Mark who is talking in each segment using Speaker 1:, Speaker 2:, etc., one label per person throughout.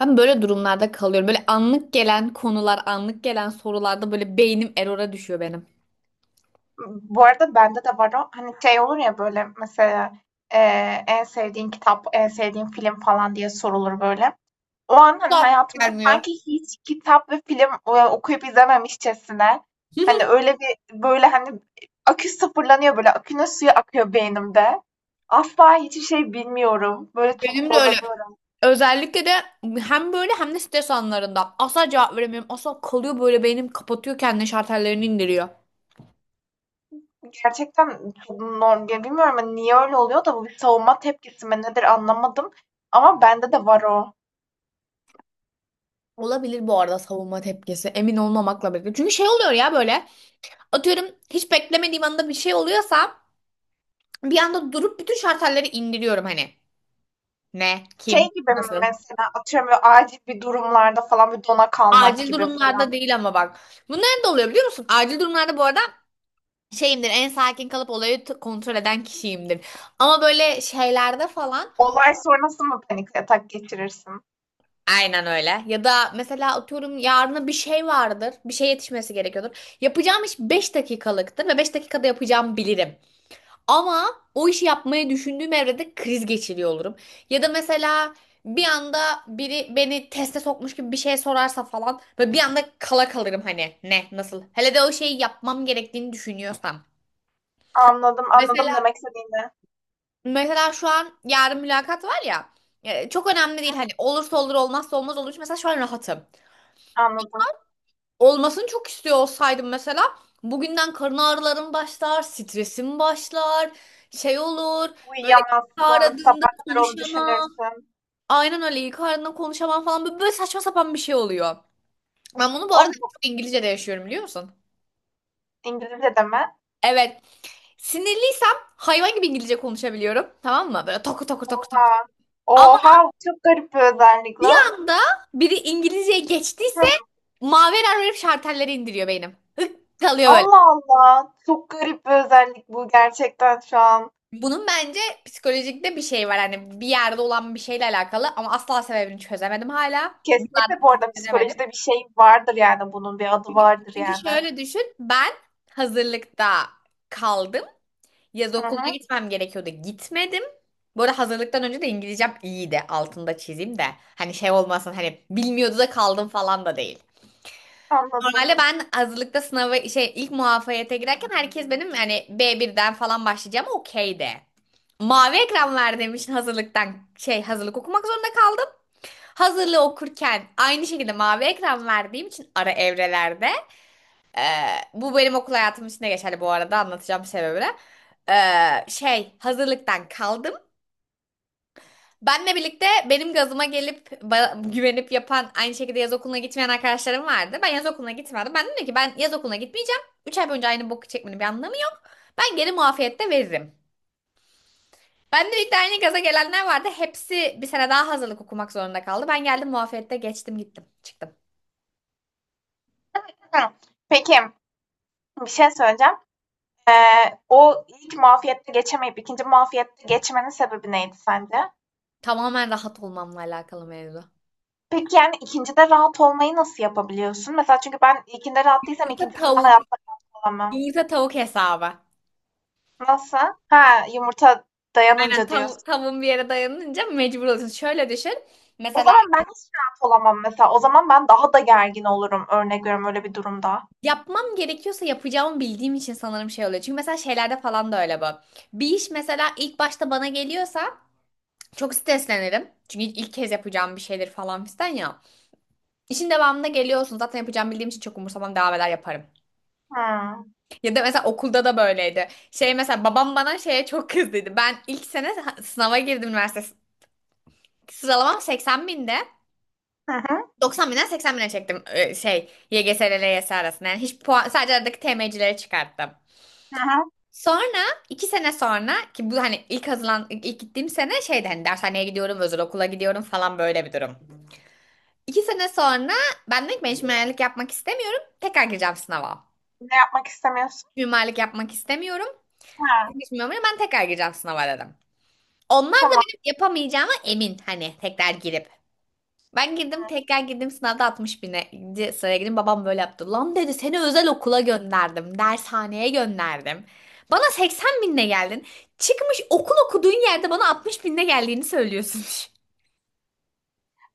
Speaker 1: Ben böyle durumlarda kalıyorum. Böyle anlık gelen konular, anlık gelen sorularda böyle beynim erora düşüyor benim.
Speaker 2: Bu arada bende de var o. Hani şey olur ya böyle mesela e, en sevdiğin kitap, en sevdiğin film falan diye sorulur böyle. O an hani hayatımda
Speaker 1: Gelmiyor.
Speaker 2: sanki hiç kitap ve film okuyup izlememişçesine hani öyle bir böyle hani akü sıfırlanıyor böyle akünün suyu akıyor beynimde. Asla hiçbir şey bilmiyorum. Böyle çok
Speaker 1: Benim de öyle.
Speaker 2: zorlanıyorum.
Speaker 1: Özellikle de hem böyle hem de stres anlarında. Asla cevap veremiyorum. Asla kalıyor böyle beynim kapatıyor kendini şartellerini indiriyor.
Speaker 2: Gerçekten çok normal. Bilmiyorum hani niye öyle oluyor da bu bir savunma tepkisi mi nedir anlamadım. Ama bende de var o.
Speaker 1: Olabilir bu arada savunma tepkisi. Emin olmamakla birlikte. Çünkü şey oluyor ya böyle. Atıyorum hiç beklemediğim anda bir şey oluyorsa bir anda durup bütün şartelleri indiriyorum hani. Ne? Kim?
Speaker 2: Şey gibi mi
Speaker 1: Nasıl?
Speaker 2: mesela atıyorum böyle acil bir durumlarda falan bir dona kalmak
Speaker 1: Acil
Speaker 2: gibi
Speaker 1: durumlarda
Speaker 2: falan.
Speaker 1: değil ama bak. Bunların da oluyor biliyor musun? Acil durumlarda bu arada şeyimdir en sakin kalıp olayı kontrol eden kişiyimdir. Ama böyle şeylerde falan
Speaker 2: Olay sonrası mı panik atak geçirirsin?
Speaker 1: aynen öyle. Ya da mesela atıyorum yarına bir şey vardır. Bir şey yetişmesi gerekiyordur. Yapacağım iş 5 dakikalıktır ve 5 dakikada yapacağımı bilirim. Ama o işi yapmayı düşündüğüm evrede kriz geçiriyor olurum. Ya da mesela bir anda biri beni teste sokmuş gibi bir şey sorarsa falan ve bir anda kala kalırım hani ne nasıl. Hele de o şeyi yapmam gerektiğini düşünüyorsam.
Speaker 2: Anladım, anladım
Speaker 1: Mesela
Speaker 2: demek istediğini.
Speaker 1: Mesela şu an yarın mülakat var ya. Çok önemli değil hani olursa olur olmazsa olmaz olur. Mesela şu an rahatım.
Speaker 2: Anladım.
Speaker 1: Olmasını çok istiyor olsaydım mesela bugünden karın ağrılarım başlar, stresim başlar, şey olur. Böyle ilk
Speaker 2: Uyuyamazsın,
Speaker 1: aradığında
Speaker 2: sabah kadar onu
Speaker 1: konuşamam.
Speaker 2: düşünürsün.
Speaker 1: Aynen öyle ilk aradığında konuşamam falan böyle, böyle saçma sapan bir şey oluyor. Ben bunu bu
Speaker 2: O
Speaker 1: arada
Speaker 2: bu
Speaker 1: çok İngilizce'de yaşıyorum biliyor musun?
Speaker 2: İngilizce de mi?
Speaker 1: Evet. Sinirliysem hayvan gibi İngilizce konuşabiliyorum. Tamam mı? Böyle toku toku toku toku.
Speaker 2: Oha.
Speaker 1: Ama
Speaker 2: Oha, bu çok garip bir özellik lan.
Speaker 1: anda biri İngilizceye geçtiyse
Speaker 2: Hı.
Speaker 1: Maver verip şartelleri indiriyor benim. Kalıyor böyle.
Speaker 2: Allah Allah. Çok garip bir özellik bu gerçekten şu an.
Speaker 1: Bunun bence psikolojikte bir şey var. Hani bir yerde olan bir şeyle alakalı ama asla sebebini çözemedim hala.
Speaker 2: Kesinlikle bu arada
Speaker 1: Çözemedim.
Speaker 2: psikolojide bir şey vardır yani bunun bir adı vardır
Speaker 1: Çünkü
Speaker 2: yani.
Speaker 1: şöyle düşün. Ben hazırlıkta kaldım. Yaz
Speaker 2: Hı
Speaker 1: okuluna
Speaker 2: hı,
Speaker 1: gitmem gerekiyordu. Gitmedim. Bu arada hazırlıktan önce de İngilizcem iyiydi. Altında çizeyim de. Hani şey olmasın hani bilmiyordu da kaldım falan da değil.
Speaker 2: anladım.
Speaker 1: Normalde ben hazırlıkta sınavı şey ilk muafiyete girerken herkes benim yani birden falan başlayacağım okeydi. Mavi ekran ver demiş hazırlıktan şey hazırlık okumak zorunda kaldım. Hazırlığı okurken aynı şekilde mavi ekran verdiğim için ara evrelerde e, bu benim okul hayatım için de geçerli bu arada anlatacağım sebebini. Şey hazırlıktan kaldım. Benle birlikte benim gazıma gelip güvenip yapan aynı şekilde yaz okuluna gitmeyen arkadaşlarım vardı. Ben yaz okuluna gitmedim. Ben dedim ki ben yaz okuluna gitmeyeceğim. 3 ay boyunca aynı boku çekmenin bir anlamı yok. Ben geri muafiyette veririm. Ben de birlikte aynı gaza gelenler vardı. Hepsi bir sene daha hazırlık okumak zorunda kaldı. Ben geldim muafiyette geçtim gittim çıktım.
Speaker 2: Hımm. Peki, bir şey söyleyeceğim. O ilk muafiyette geçemeyip ikinci muafiyette geçmenin sebebi neydi sence?
Speaker 1: Tamamen rahat olmamla alakalı mevzu.
Speaker 2: Peki, yani, ikincide rahat olmayı nasıl yapabiliyorsun? Mesela çünkü ben ilkinde rahat değilsem
Speaker 1: Yumurta
Speaker 2: ikincisinde
Speaker 1: tavuk.
Speaker 2: hayatta rahat olamam.
Speaker 1: Yumurta tavuk hesabı.
Speaker 2: Nasıl? Ha, yumurta
Speaker 1: Aynen
Speaker 2: dayanınca
Speaker 1: tav
Speaker 2: diyorsun.
Speaker 1: tavuğun bir yere dayanınca mecbur oluyorsun. Şöyle düşün.
Speaker 2: O
Speaker 1: Mesela
Speaker 2: zaman ben hiç rahat olamam mesela. O zaman ben daha da gergin olurum örnek veriyorum öyle bir durumda.
Speaker 1: yapmam gerekiyorsa yapacağımı bildiğim için sanırım şey oluyor. Çünkü mesela şeylerde falan da öyle bu. Bir iş mesela ilk başta bana geliyorsa çok streslenirim. Çünkü ilk kez yapacağım bir şeydir falan fistan ya. İşin devamında geliyorsun. Zaten yapacağımı bildiğim için çok umursamam devam eder yaparım.
Speaker 2: Hımm.
Speaker 1: Ya da mesela okulda da böyleydi. Şey mesela babam bana şeye çok kızdıydı. Ben ilk sene sınava girdim üniversite. Sıralamam 80 binde.
Speaker 2: Hı hı.
Speaker 1: 90 binden 80 bine çektim şey YGS ile LYS arasında. Yani hiç puan sadece aradaki TM'cileri çıkarttım.
Speaker 2: Hı hı.
Speaker 1: Sonra iki sene sonra ki bu hani ilk hazırlan ilk ilk gittiğim sene şeydi hani dershaneye gidiyorum, özel okula gidiyorum falan böyle bir durum. İki sene sonra ben dedim ki ben hiç mimarlık yapmak istemiyorum. Tekrar gireceğim sınava.
Speaker 2: Ne yapmak istemiyorsun?
Speaker 1: Mimarlık yapmak istemiyorum.
Speaker 2: Ha,
Speaker 1: Hiç mimarlık ben tekrar gireceğim sınava dedim. Onlar da
Speaker 2: tamam.
Speaker 1: benim yapamayacağıma emin hani tekrar girip. Ben girdim tekrar girdim sınavda 60 bine sıraya girdim. Babam böyle yaptı. Lan dedi seni özel okula gönderdim. Dershaneye gönderdim. Bana 80 binle geldin. Çıkmış okul okuduğun yerde bana 60 binle geldiğini söylüyorsun.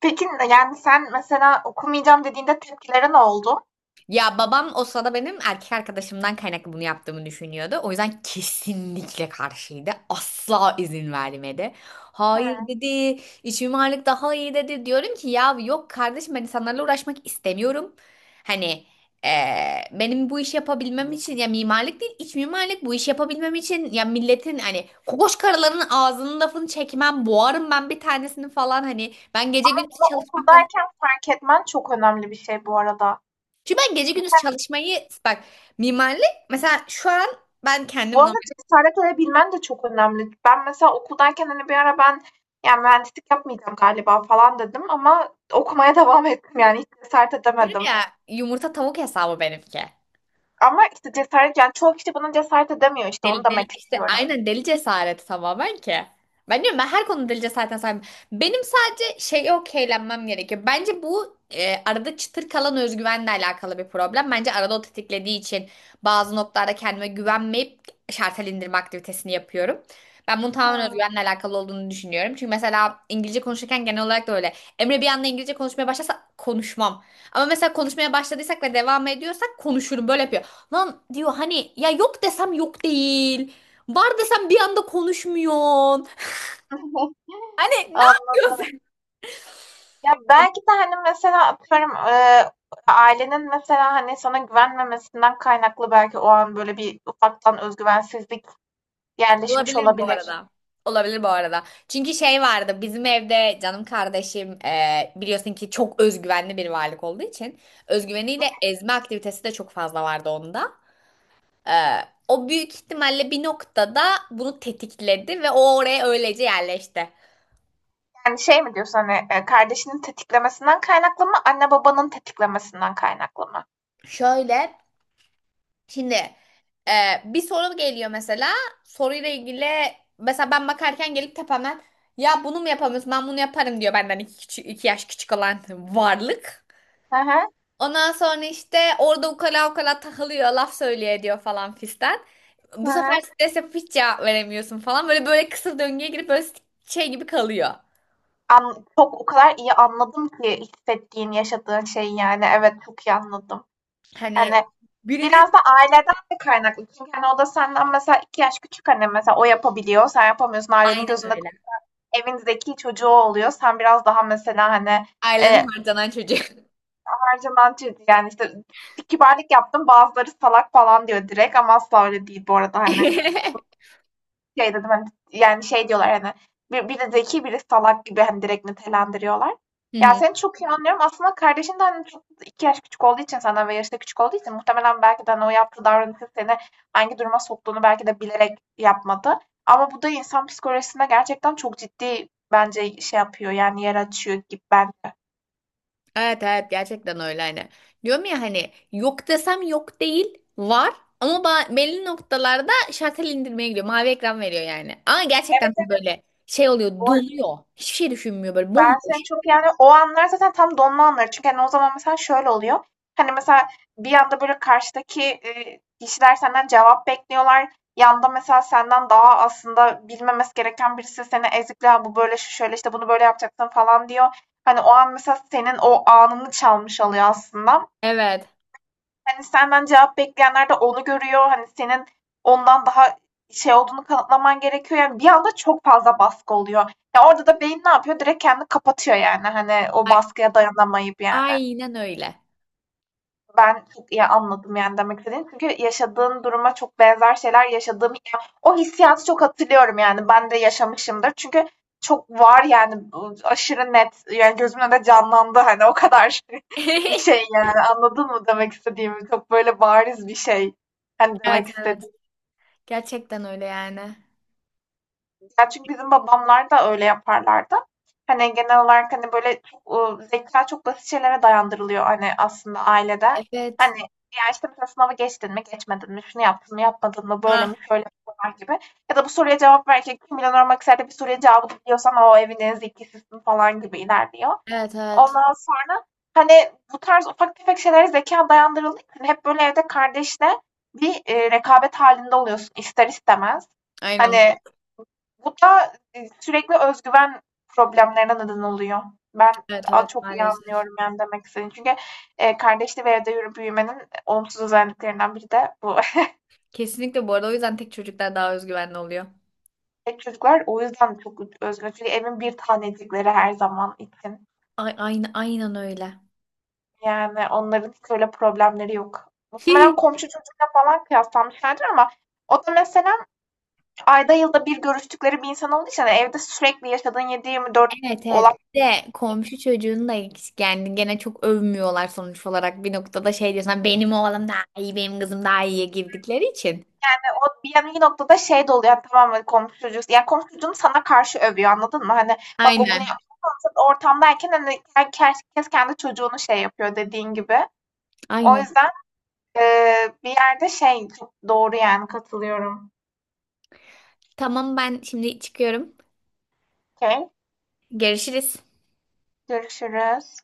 Speaker 2: Peki, yani, sen mesela okumayacağım dediğinde tepkileri ne oldu?
Speaker 1: Ya babam o sırada benim erkek arkadaşımdan kaynaklı bunu yaptığımı düşünüyordu. O yüzden kesinlikle karşıydı. Asla izin vermedi. Hayır
Speaker 2: He.
Speaker 1: dedi, iç mimarlık daha iyi dedi. Diyorum ki ya yok kardeşim ben insanlarla uğraşmak istemiyorum. Hani benim bu işi yapabilmem için ya mimarlık değil iç mimarlık bu işi yapabilmem için ya milletin hani kokoş karıların ağzının lafını çekmem boğarım ben bir tanesini falan hani ben gece
Speaker 2: Ama
Speaker 1: gündüz
Speaker 2: bunu
Speaker 1: çalışmaktan
Speaker 2: okuldayken fark etmen çok önemli bir şey bu arada.
Speaker 1: çünkü ben gece gündüz çalışmayı bak mimarlık mesela şu an ben kendim
Speaker 2: Bu arada
Speaker 1: normal
Speaker 2: cesaret edebilmen de çok önemli. Ben mesela okuldayken hani bir ara ben yani mühendislik yapmayacağım galiba falan dedim ama okumaya devam ettim yani hiç cesaret
Speaker 1: yapıyorum
Speaker 2: edemedim.
Speaker 1: ya yumurta tavuk hesabı benimki.
Speaker 2: Ama işte cesaret yani çoğu kişi buna cesaret edemiyor işte onu
Speaker 1: Deli, deli,
Speaker 2: demek
Speaker 1: işte
Speaker 2: istiyorum.
Speaker 1: aynen deli cesareti tamamen ki. Ben diyorum ben her konuda deli cesaretine sahibim. Benim sadece şey okeylenmem gerekiyor. Bence bu arada çıtır kalan özgüvenle alakalı bir problem. Bence arada o tetiklediği için bazı noktalarda kendime güvenmeyip şartel indirme aktivitesini yapıyorum. Ben bunun tamamen
Speaker 2: Hmm.
Speaker 1: özgüvenle alakalı olduğunu düşünüyorum. Çünkü mesela İngilizce konuşurken genel olarak da öyle. Emre bir anda İngilizce konuşmaya başlasa konuşmam. Ama mesela konuşmaya başladıysak ve devam ediyorsak konuşurum böyle yapıyor. Lan diyor hani ya yok desem yok değil. Var desem bir anda konuşmuyorsun. Hani ne
Speaker 2: Anladım.
Speaker 1: yapıyorsun?
Speaker 2: Ya belki de hani mesela atıyorum ailenin mesela hani sana güvenmemesinden kaynaklı belki o an böyle bir ufaktan özgüvensizlik yerleşmiş
Speaker 1: Olabilir bu
Speaker 2: olabilir.
Speaker 1: arada. Olabilir bu arada. Çünkü şey vardı bizim evde canım kardeşim biliyorsun ki çok özgüvenli bir varlık olduğu için özgüveniyle ezme aktivitesi de çok fazla vardı onda. E, o büyük ihtimalle bir noktada bunu tetikledi ve o oraya öylece yerleşti.
Speaker 2: Yani şey mi diyorsun hani kardeşinin tetiklemesinden kaynaklı mı, anne babanın tetiklemesinden kaynaklı mı?
Speaker 1: Şöyle Şimdi e, bir soru geliyor mesela. Soruyla ilgili mesela ben bakarken gelip tepemden ya bunu mu yapamıyorsun ben bunu yaparım diyor benden iki yaş küçük olan varlık.
Speaker 2: Hı hı,
Speaker 1: Ondan sonra işte orada ukala ukala takılıyor laf söylüyor ediyor falan fistan.
Speaker 2: hı
Speaker 1: Bu sefer
Speaker 2: hı.
Speaker 1: stres yapıp hiç cevap veremiyorsun falan. Böyle böyle kısır döngüye girip böyle şey gibi kalıyor.
Speaker 2: An çok o kadar iyi anladım ki hissettiğin, yaşadığın şeyi yani. Evet, çok iyi anladım.
Speaker 1: Hani
Speaker 2: Yani
Speaker 1: birinin
Speaker 2: biraz da aileden de kaynaklı. Çünkü hani o da senden mesela iki yaş küçük, hani mesela o yapabiliyor, sen yapamıyorsun. Ailenin
Speaker 1: aynen
Speaker 2: gözünde
Speaker 1: öyle.
Speaker 2: evin zeki çocuğu oluyor. Sen biraz daha mesela hani
Speaker 1: Ailenin
Speaker 2: e,
Speaker 1: harcanan çocuğu.
Speaker 2: her zaman ciddi yani işte kibarlık yaptım bazıları salak falan diyor direkt ama asla öyle değil bu arada hani şey dedim hani yani şey diyorlar hani bir, biri zeki biri salak gibi hani direkt nitelendiriyorlar.
Speaker 1: Hı
Speaker 2: Ya
Speaker 1: hı.
Speaker 2: seni çok iyi anlıyorum. Aslında kardeşin de hani çok iki yaş küçük olduğu için senden ve yaşta küçük olduğu için muhtemelen belki de hani o yaptığı davranışı seni hangi duruma soktuğunu belki de bilerek yapmadı. Ama bu da insan psikolojisine gerçekten çok ciddi bence şey yapıyor yani yer açıyor gibi bence.
Speaker 1: Evet evet gerçekten öyle hani. Diyorum ya hani yok desem yok değil var ama belli noktalarda şartel indirmeye gidiyor. Mavi ekran veriyor yani. Ama gerçekten
Speaker 2: Evet,
Speaker 1: hani
Speaker 2: evet,
Speaker 1: böyle şey oluyor
Speaker 2: bu
Speaker 1: donuyor. Hiçbir şey düşünmüyor böyle
Speaker 2: ben seni
Speaker 1: bomboş.
Speaker 2: çok yani o anlar zaten tam donma anları. Çünkü, hani, o zaman mesela şöyle oluyor. Hani, mesela bir anda, böyle, karşıdaki, kişiler senden cevap bekliyorlar. Yanda mesela senden daha aslında bilmemesi gereken birisi seni ezikliyor. "Bu böyle, şu şöyle, işte, bunu böyle yapacaksın." falan diyor. Hani, o an mesela senin o anını çalmış oluyor aslında.
Speaker 1: Evet.
Speaker 2: Hani, senden cevap bekleyenler de onu görüyor. Hani, senin ondan daha şey olduğunu kanıtlaman gerekiyor. Yani, bir anda çok fazla baskı oluyor. Ya, orada da beyin ne yapıyor? Direkt kendini kapatıyor, yani, hani, o
Speaker 1: A-
Speaker 2: baskıya dayanamayıp, yani.
Speaker 1: aynen öyle.
Speaker 2: Ben çok iyi anladım yani demek istediğim. Çünkü yaşadığın duruma çok benzer şeyler yaşadığım ya o hissiyatı çok hatırlıyorum yani ben de yaşamışımdır. Çünkü çok var yani bu aşırı net yani gözümün önünde canlandı hani o kadar şey yani anladın mı demek istediğimi? Çok böyle bariz bir şey hani demek
Speaker 1: Evet evet.
Speaker 2: istediğim.
Speaker 1: Gerçekten öyle yani.
Speaker 2: Ya çünkü bizim babamlar da öyle yaparlardı. Hani genel olarak hani böyle çok, zeka çok basit şeylere dayandırılıyor hani aslında ailede.
Speaker 1: Evet.
Speaker 2: Hani ya, işte, mesela sınavı geçtin mi, geçmedin mi, şunu yaptın mı, yapmadın mı, böyle mi,
Speaker 1: Ha.
Speaker 2: şöyle mi falan gibi ya da bu soruya cevap verirken Kim Milyoner Olmak Ister'de bir soruya cevabı biliyorsan o evin en zekisisin falan gibi ilerliyor.
Speaker 1: Evet evet.
Speaker 2: Ondan sonra, hani, bu tarz ufak tefek şeylere zekâ dayandırıldığı için hep böyle evde kardeşle bir, rekabet halinde oluyorsun ister istemez.
Speaker 1: Aynen
Speaker 2: Hani
Speaker 1: öyle.
Speaker 2: bu da, sürekli özgüven güven problemlerine neden oluyor. Ben
Speaker 1: Evet
Speaker 2: a
Speaker 1: evet
Speaker 2: çok iyi
Speaker 1: maalesef.
Speaker 2: anlıyorum yani demek istediğini. Çünkü, kardeşli bir evde yürü büyümenin olumsuz özelliklerinden biri de bu.
Speaker 1: Kesinlikle bu arada o yüzden tek çocuklar daha özgüvenli oluyor.
Speaker 2: Tek çocuklar o yüzden çok özgür. Çünkü evin bir tanecikleri her zaman için.
Speaker 1: Ay, aynen, aynen öyle.
Speaker 2: Yani onların hiç öyle problemleri yok. Muhtemelen komşu çocuğuyla falan kıyaslanmışlardır ama o da mesela ayda yılda bir görüştükleri bir insan olduğu için, hani, evde sürekli yaşadığın 7/24
Speaker 1: Evet evet.
Speaker 2: olan
Speaker 1: Bir de komşu çocuğunu da yani gene çok övmüyorlar sonuç olarak bir noktada şey diyorsun benim oğlum daha iyi benim kızım daha iyiye girdikleri için.
Speaker 2: yani o bir noktada şey de oluyor yani tamam hani komşu çocuğu yani komşu çocuğunu sana karşı övüyor anladın mı? Hani bak o bunu
Speaker 1: Aynen.
Speaker 2: yapmıyor sen ortamdayken hani herkes kendi çocuğunu şey yapıyor dediğin gibi. O
Speaker 1: Aynen.
Speaker 2: yüzden bir yerde şey çok doğru yani katılıyorum.
Speaker 1: Tamam ben şimdi çıkıyorum.
Speaker 2: Okey.
Speaker 1: Görüşürüz.
Speaker 2: Görüşürüz.